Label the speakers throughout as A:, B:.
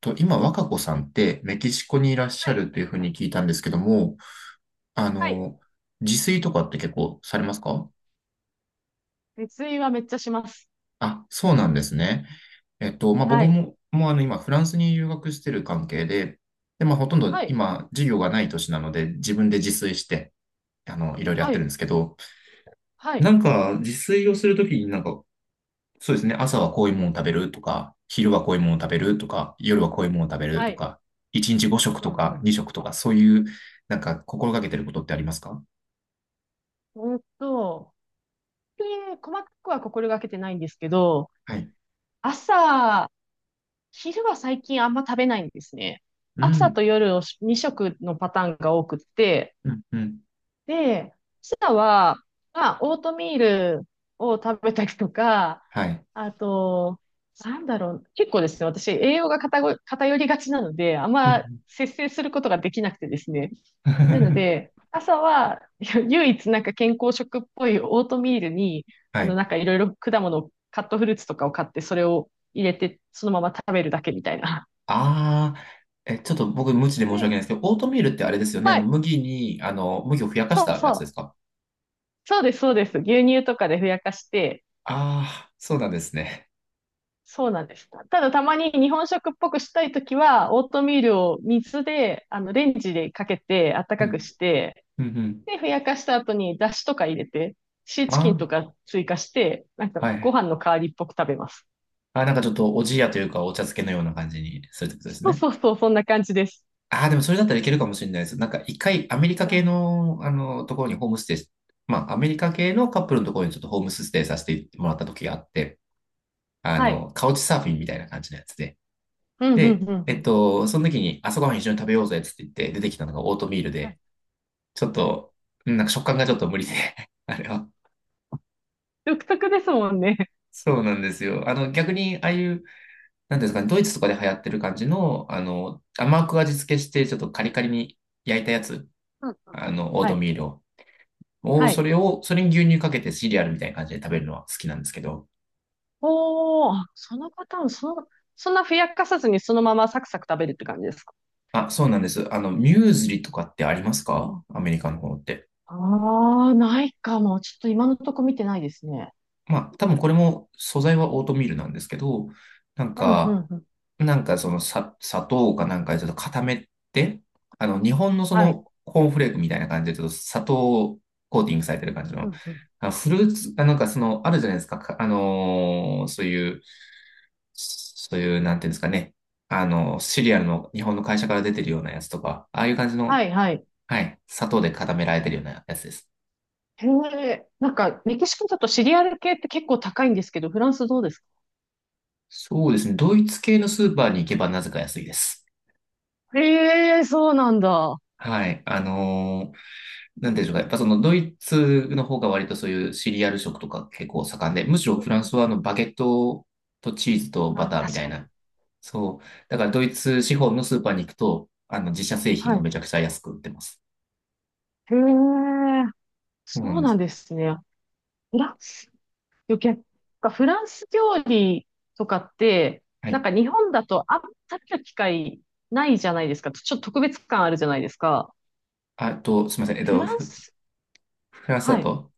A: と、今、若子さんってメキシコにいらっし
B: は
A: ゃ
B: い。
A: るというふうに聞いたんですけども、あ
B: はい。
A: の、自炊とかって結構されますか？
B: 熱意はめっちゃします。
A: あ、そうなんですね。まあ、
B: は
A: 僕
B: い。
A: も、もう今、フランスに留学してる関係で、で、まあ、ほとんど
B: はい。
A: 今、授業がない年なので、自分で自炊して、いろいろやっ
B: は
A: てるんで
B: い。
A: すけど、
B: は
A: な
B: い。
A: んか、自炊をするときになんか、そうですね。朝はこういうものを食べるとか、昼はこういうものを食べるとか、夜はこういうものを食べる
B: は
A: と
B: い。
A: か、1日5食
B: う
A: と
B: んう
A: か
B: ん。
A: 2食とか、そういう、なんか心がけてることってありますか？
B: ほんと、で、細かくは心がけてないんですけど、
A: はい。
B: 朝、昼は最近あんま食べないんですね。
A: う
B: 朝
A: ん。
B: と夜を2食のパターンが多くって、
A: うん。うん。
B: で、ピザは、まあ、オートミールを食べたりとか、
A: はい。
B: あと、結構ですね、私、栄養が偏りがちなので、あん
A: う
B: ま
A: ん。
B: 節制することができなくてですね。なの で、朝は、唯一健康食っぽいオートミールに、
A: はい。
B: なんかいろいろ果物を、カットフルーツとかを買って、それを入れて、そのまま食べるだけみたいな。
A: ああ、え、ちょっと僕無知で申し訳な
B: で、
A: いですけど、オートミールってあれですよね。
B: はい、
A: 麦に、麦をふやかし
B: そう
A: たや
B: そ
A: つで
B: う。
A: すか？
B: そうです、そうです。牛乳とかでふやかして、
A: ああー、そうなんですね。
B: そうなんです。ただたまに日本食っぽくしたいときは、オートミールを水で、レンジでかけて、温
A: う
B: かく
A: ん。
B: して、
A: うん。うん。
B: で、ふやかした後にだしとか入れて、シーチキン
A: あ
B: とか追加して、なんか
A: あ、は
B: ご
A: い。
B: 飯の代わりっぽく食べます。
A: あー、なんかちょっとおじやというか、お茶漬けのような感じにするってことです
B: そう
A: ね。
B: そうそう、そんな感じです。
A: ああ、でもそれだったらいけるかもしれないです。なんか一回アメリカ
B: う
A: 系
B: ん、
A: の、ところにホームステイし、まあアメリカ系のカップルのところにちょっとホームステイさせてもらった時があって、
B: はい。
A: カウチサーフィンみたいな感じのやつで。
B: うん、うん、う
A: で、
B: ん、うん。
A: その時に朝ごはん一緒に食べようぜっつって言って出てきたのがオートミール
B: はい。
A: で、ちょっと、うん、なんか食感がちょっと無理で、あれは。
B: 独特ですもんね。
A: そうなんですよ。逆に、ああいう、なんていうんですかね、ドイツとかで流行ってる感じの、甘く味付けして、ちょっとカリカリに焼いたやつ、
B: うんうん。
A: オー
B: は
A: ト
B: い。
A: ミールを。
B: はい。
A: それに牛乳かけてシリアルみたいな感じで食べるのは好きなんですけど。
B: おー、あそのパターン、その、そんなふやかさずにそのままサクサク食べるって感じです。
A: あ、そうなんです。ミューズリとかってありますか？アメリカの方って。
B: ああ、ないかも。ちょっと今のとこ見てないですね。
A: まあ、多分これも素材はオートミールなんですけど、なん
B: うん、う
A: か、
B: ん、うん。
A: そのさ、砂糖かなんかでちょっと固めて、日本のそ
B: はい。
A: のコーンフレークみたいな感じでちょっと砂糖コーティングされてる感じ
B: う
A: の、
B: ん、うん。
A: あフルーツ、あ、なんかその、あるじゃないですか。そういう、なんていうんですかね。シリアルの日本の会社から出てるようなやつとか、ああいう感じ
B: は
A: の、
B: い、はい。
A: はい、砂糖で固められてるようなやつです。
B: へえ、なんか、メキシコだとシリアル系って結構高いんですけど、フランスどうですか？
A: そうですね。ドイツ系のスーパーに行けばなぜか安いです。
B: へえ、そうなんだ。
A: はい。なんていうんでしょうか。やっぱそのドイツの方が割とそういうシリアル食とか結構盛んで、むしろ
B: うん
A: フラン
B: うん。
A: スはバゲットとチーズと
B: ま
A: バ
B: あ、
A: ターみ
B: 確
A: たい
B: かに。
A: な。そう。だからドイツ資本のスーパーに行くと、自社製品
B: は
A: が
B: い。
A: めちゃくちゃ安く売ってます。
B: へえ、
A: そうな
B: そ
A: ん
B: う
A: で
B: なん
A: す。
B: ですね。フランス、余計フランス料理とかって、
A: は
B: なん
A: い。
B: か日本だとあんま食べる機会ないじゃないですか。ちょっと特別感あるじゃないですか。
A: あと、すみません。
B: フランス、
A: フランスだ
B: はい。
A: と、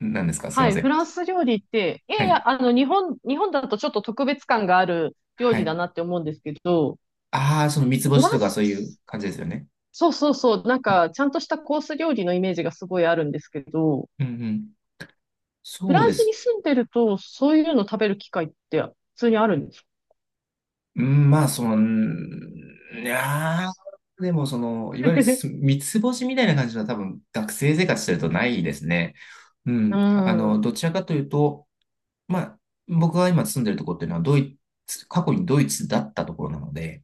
A: 何ですかすい
B: は
A: ま
B: い、
A: せ
B: フ
A: ん。
B: ランス料理って、い
A: は
B: やい
A: い。
B: や、日本、日本だとちょっと特別感がある料
A: は
B: 理だ
A: い。
B: なって思うんですけど、
A: ああ、その三つ
B: フ
A: 星
B: ラ
A: と
B: ン
A: かそういう
B: ス、
A: 感じですよね。
B: そうそうそう、なん
A: うん
B: か、ちゃんとしたコース料理のイメージがすごいあるんですけど、
A: うんうん。
B: フ
A: そ
B: ラ
A: う
B: ン
A: で
B: スに
A: す。
B: 住んでると、そういうの食べる機会って普通にあるんですか？
A: うん、まあ、うん、いやー、でもその、いわゆる三つ星みたいな感じは多分学生生活してるとないですね。う
B: う
A: ん。
B: ん。
A: どちらかというと、まあ、僕が今住んでるところっていうのはドイツ、過去にドイツだったところなので、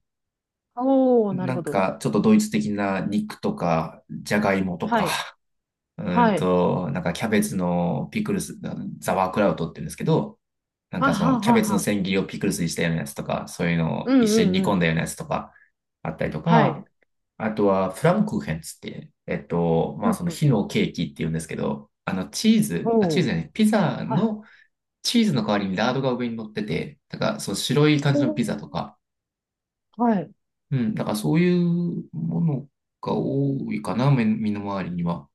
B: おー、なる
A: な
B: ほ
A: ん
B: ど。
A: かちょっとドイツ的な肉とか、じゃがいもと
B: は
A: か、
B: い、はい、
A: なんかキャベツのピクルス、ザワークラウトって言うんですけど、なん
B: は
A: かその
B: は
A: キャ
B: は
A: ベツの
B: は。
A: 千切りをピクルスにしたようなやつとか、そういうの
B: う
A: を一
B: ん
A: 緒
B: う
A: に煮
B: んう
A: 込ん
B: ん。
A: だようなやつとかあったりと
B: はい。
A: か、あとはフランクーヘンつって、ま
B: う
A: あ
B: ん
A: その
B: う
A: 火
B: ん。
A: のケーキって言うんですけど、チーズ、あ、チー
B: お
A: ズ
B: ー、
A: じゃない、ピザ
B: はい。
A: のチーズの代わりにラードが上に乗ってて、だからそう白い感
B: お
A: じの
B: ー、
A: ピザとか、
B: はい。
A: うん、だからそういうものが多いかな、目身の回りには。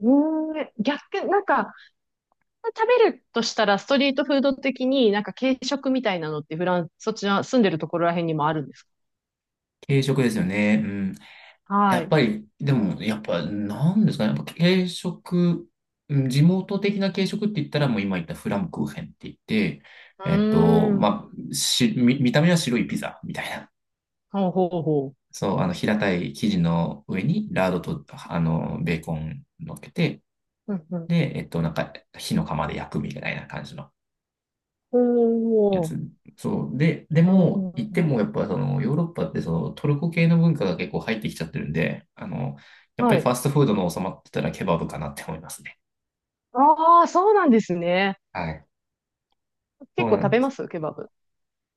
B: うーん、逆、なんか、食べるとしたら、ストリートフード的になんか軽食みたいなのってフランス、そちら住んでるところらへんにもあるんですか？
A: 軽食ですよね。うん、や
B: はい。
A: っぱ
B: う
A: り、でも、やっぱ、なんですかね。やっぱ軽食、うん、地元的な軽食って言ったら、もう今言ったフランクーヘンって言って、
B: ーん。
A: まあ、見た目は白いピザみたいな。
B: ほうほうほ
A: そう、平たい生地の上に、ラードと、ベーコン乗っけて、
B: う。うんうん。
A: で、なんか、火の釜で焼くみたいな感じの。
B: ほ
A: やつ。
B: う。
A: そう。で、で
B: う
A: も、行って
B: ん。
A: もやっぱそのヨーロッパってそのトルコ系の文化が結構入ってきちゃってるんで、やっぱ
B: は
A: りファ
B: い。
A: ストフードの収まってたらケバブかなって思いますね。
B: ああ、そうなんですね。
A: はい。そ
B: 結
A: う
B: 構
A: な
B: 食
A: んで
B: べま
A: す。
B: すケバブ。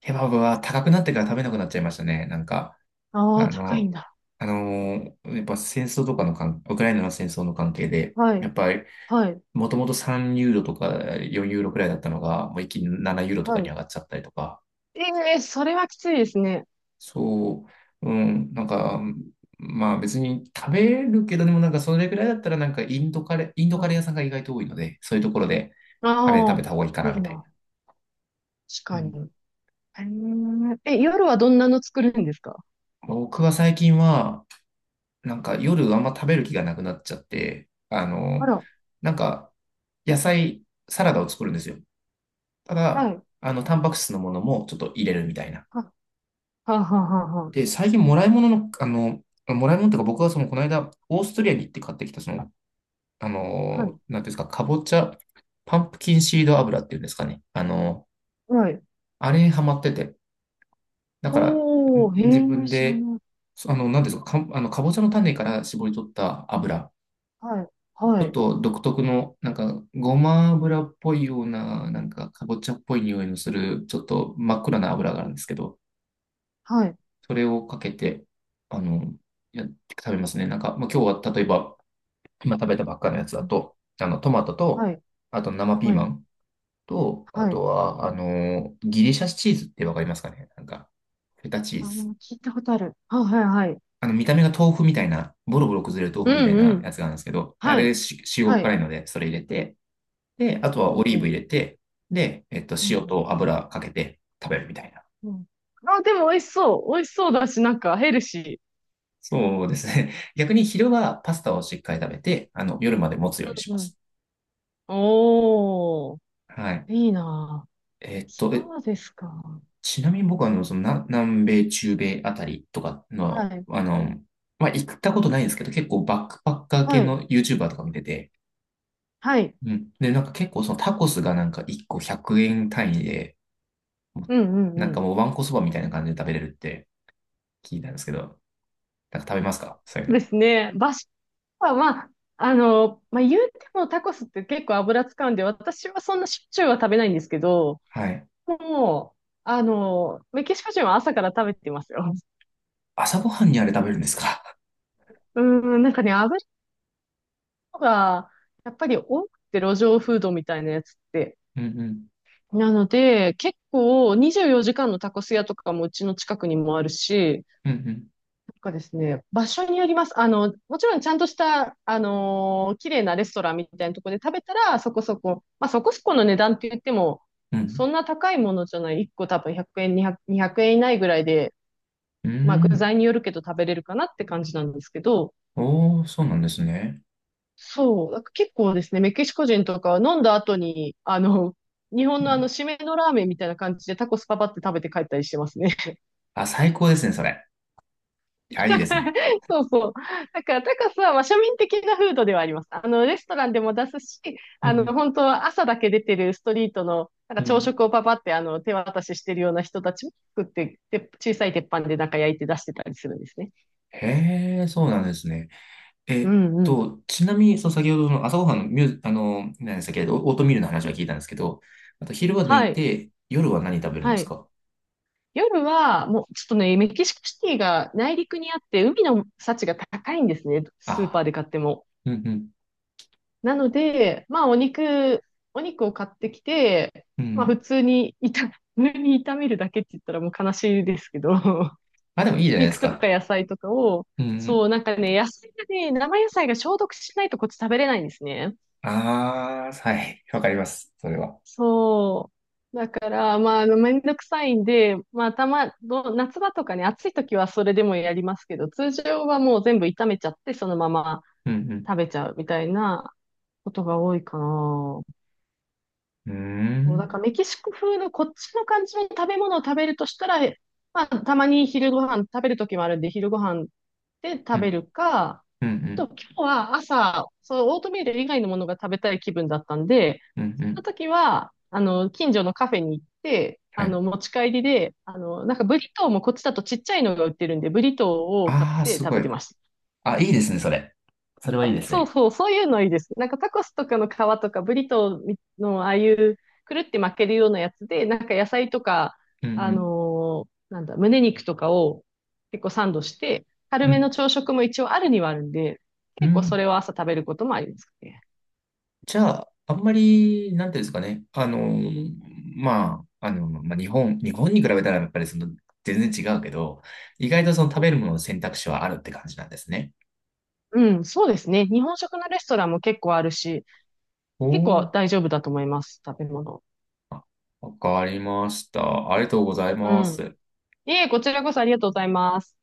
A: ケバブは高くなってから食べなくなっちゃいましたね。なんか、
B: あ
A: あ
B: あ、高いん
A: の、
B: だ。
A: やっぱ戦争とかのウクライナの戦争の関係で、
B: は
A: や
B: い。
A: っぱり、
B: はい。
A: もともと3ユーロとか4ユーロくらいだったのが、もう一気に7ユーロと
B: は
A: かに上
B: い。
A: がっちゃったりとか、
B: ええ、それはきついですね。
A: そう、うん、なんか、まあ別に食べるけど、でもなんかそれぐらいだったらなんかインド
B: う
A: カレー屋
B: ん。
A: さんが意外と多いので、そういうところでカレー食
B: あ
A: べ
B: あ、
A: た方がいいか
B: い
A: な
B: い
A: みたい
B: な。確
A: な。
B: か
A: うん、
B: に。へええ、夜はどんなの作るんですか？
A: 僕は最近は、なんか夜あんま食べる気がなくなっちゃって、
B: あら。
A: なんか野菜、サラダを作るんですよ。た
B: は
A: だ、
B: い。
A: タンパク質のものもちょっと入れるみたいな。
B: は、はははは。
A: で、最近もらい物っていうか僕はそのこの間、オーストリアに行って買ってきた
B: はい。
A: なんていうんですか、かぼちゃ、パンプキンシード油っていうんですかね。
B: はい。
A: あれにハマってて。だから、
B: お
A: 自
B: ー、へえ、
A: 分
B: 知ら
A: で、
B: ない。
A: そあの、なんていうんですか、かぼちゃの種から絞り取った油。
B: はい。
A: ち
B: は
A: ょっ
B: い。
A: と独特の、なんか、ごま油っぽいような、なんか、かぼちゃっぽい匂いのする、ちょっと真っ暗な
B: うん
A: 油がある
B: う
A: ん
B: ん。
A: ですけど、
B: はい。
A: それをかけて、あの、やって食べますね。なんか、まあ、今日は例えば、今食べたばっかの
B: う
A: や
B: ん
A: つ
B: う
A: だ
B: ん。
A: と、トマト
B: は
A: と、
B: い。
A: あと生ピー
B: は
A: マ
B: い。
A: ン。と、あ
B: は
A: と
B: い。
A: は、ギリシャチーズってわかりますかね？なんか、フェタチーズ。
B: 聞いたことある。はいはい。はい。
A: 見た目が豆腐みたいな、ボロボロ崩れる豆
B: う
A: 腐みたい
B: んう
A: なや
B: ん。
A: つがあるんですけど、あ
B: は
A: れ
B: い。
A: し、中
B: は
A: 国辛
B: い。
A: いので、それ入れて、で、あと
B: ほ
A: は
B: う
A: オ
B: ん
A: リー
B: う
A: ブ
B: ん。
A: 入れて、で、
B: うん
A: 塩
B: う
A: と油かけて食べるみたいな。
B: ん。うん。あ、でも美味しそう。美味しそうだし、なんかヘルシ
A: そうですね。逆に昼はパスタをしっかり食べて、夜まで持つよう
B: ー。
A: にし
B: う
A: ま
B: んうん。
A: す。
B: おー、
A: はい。
B: いいなぁ。
A: えっと、え、
B: そうですか。
A: ちなみに僕は、南米、中米あたりとか
B: は
A: の、
B: い。
A: まあ、行ったことないんですけど、結構バックパッカー系
B: はい。
A: の YouTuber とか見てて、
B: はい。
A: うん。で、なんか結構そのタコスがなんか1個100円単位で、もう
B: うんう
A: な
B: ん
A: ん
B: う
A: か
B: ん。
A: もうわんこそばみたいな感じで食べれるって聞いたんですけど、なんか食べますか？そういうの。
B: ですね。バシは、言うてもタコスって結構油使うんで、私はそんなしょっちゅうは食べないんですけど、
A: はい。
B: もう、メキシコ人は朝から食べてますよ。
A: 朝ごはんにあれ食べるんですか？
B: うん、なんかね、油が、やっぱり多くて路上フードみたいなやつって。
A: うんうん。
B: なので、結構24時間のタコス屋とかもうちの近くにもあるし、
A: うん
B: なんかですね、場所によります。もちろんちゃんとした、あのー綺麗なレストランみたいなところで食べたら、そこそこ、まあそこそこの値段って言っても、
A: うん。う
B: そ
A: ん。
B: んな高いものじゃない。1個多分100円、200、200円以内ぐらいで、
A: うー
B: まあ具
A: ん。
B: 材によるけど食べれるかなって感じなんですけど、
A: おー、そうなんですね。
B: そう、なんか結構ですね、メキシコ人とかは飲んだ後に、日
A: う
B: 本のあの、
A: ん。
B: 締めのラーメンみたいな感じでタコスパパって食べて帰ったりしてますね。
A: あ、最高ですね、それ。いや、いいですね。
B: そうそう。だからタカスは、まあ、庶民的なフードではあります。レストランでも出すし、
A: うんうん。
B: 本当は朝だけ出てるストリートの、なん
A: う
B: か朝
A: ん、
B: 食をパパって、手渡ししてるような人たちも作って、で、小さい鉄板でなんか焼いて出してたりするんですね。
A: へえ、そうなんですね。え
B: う
A: っ
B: んうん。
A: ちなみに、その先ほどの朝ごはんのミュー、あの、何でしたっけ、オオートミールの話は聞いたんですけど、あと昼は抜
B: は
A: い
B: い。
A: て、夜は何食べるんで
B: は
A: す
B: い。
A: か？
B: 夜は、もう、ちょっとね、メキシコシティが内陸にあって、海の幸が高いんですね。スーパー
A: あ
B: で買っても。
A: あー、うんうん、
B: なので、まあ、お肉、お肉を買ってきて、
A: う
B: まあ、普
A: ん。
B: 通に炒め、普通に炒めるだけって言ったらもう悲しいですけど、
A: あ、でもいいじゃないで
B: 肉
A: す
B: とか
A: か。
B: 野菜とかを、
A: うんうん。
B: そう、なんかね、野菜がね、生野菜が消毒しないとこっち食べれないんですね。
A: ああ、はい、わかります、それは。
B: そう。だから、まあ、あのめんどくさいんで、まあ、たま、ど夏場とかね、暑い時はそれでもやりますけど、通常はもう全部炒めちゃって、そのまま
A: うん
B: 食べちゃうみたいなことが多いかな。
A: うん。うー
B: そう、だ
A: ん、
B: からメキシコ風のこっちの感じの食べ物を食べるとしたら、まあ、たまに昼ご飯食べるときもあるんで、昼ご飯で
A: う
B: 食べ
A: ん、
B: るか、
A: うん、う
B: と、
A: ん、
B: 今日は朝、そのオートミール以外のものが食べたい気分だったんで、
A: うん、う
B: その
A: ん。
B: 時は、近所のカフェに行って、
A: はい。
B: 持ち帰りで、なんかブリトーもこっちだとちっちゃいのが売ってるんで、ブリトーを買っ
A: ああ、
B: て
A: す
B: 食
A: ご
B: べ
A: い。
B: てました。
A: あ、いいですね、それ。それはいいです
B: そう
A: ね。
B: そう、そういうのいいです。なんかタコスとかの皮とかブリトーのああいうくるって巻けるようなやつで、なんか野菜とか、
A: う
B: あ
A: ん
B: のーなんだ、胸肉とかを結構サンドして、
A: うん、
B: 軽
A: う
B: めの
A: ん、
B: 朝食も一応あるにはあるんで、
A: う
B: 結構そ
A: ん。
B: れを朝食べることもありますね。
A: じゃあ、あんまり、なんていうんですかね。まあ、まあ、日本に比べたらやっぱりその、全然違うけど、意外とその食
B: う
A: べるものの選択肢はあるって感じなんですね。
B: ん、うんそうですね。日本食のレストランも結構あるし、結
A: お
B: 構
A: ー、
B: 大丈夫だと思います、食べ物。
A: あ、わかりました。ありがとうござい
B: う
A: ま
B: ん。
A: す。
B: いえ、こちらこそありがとうございます。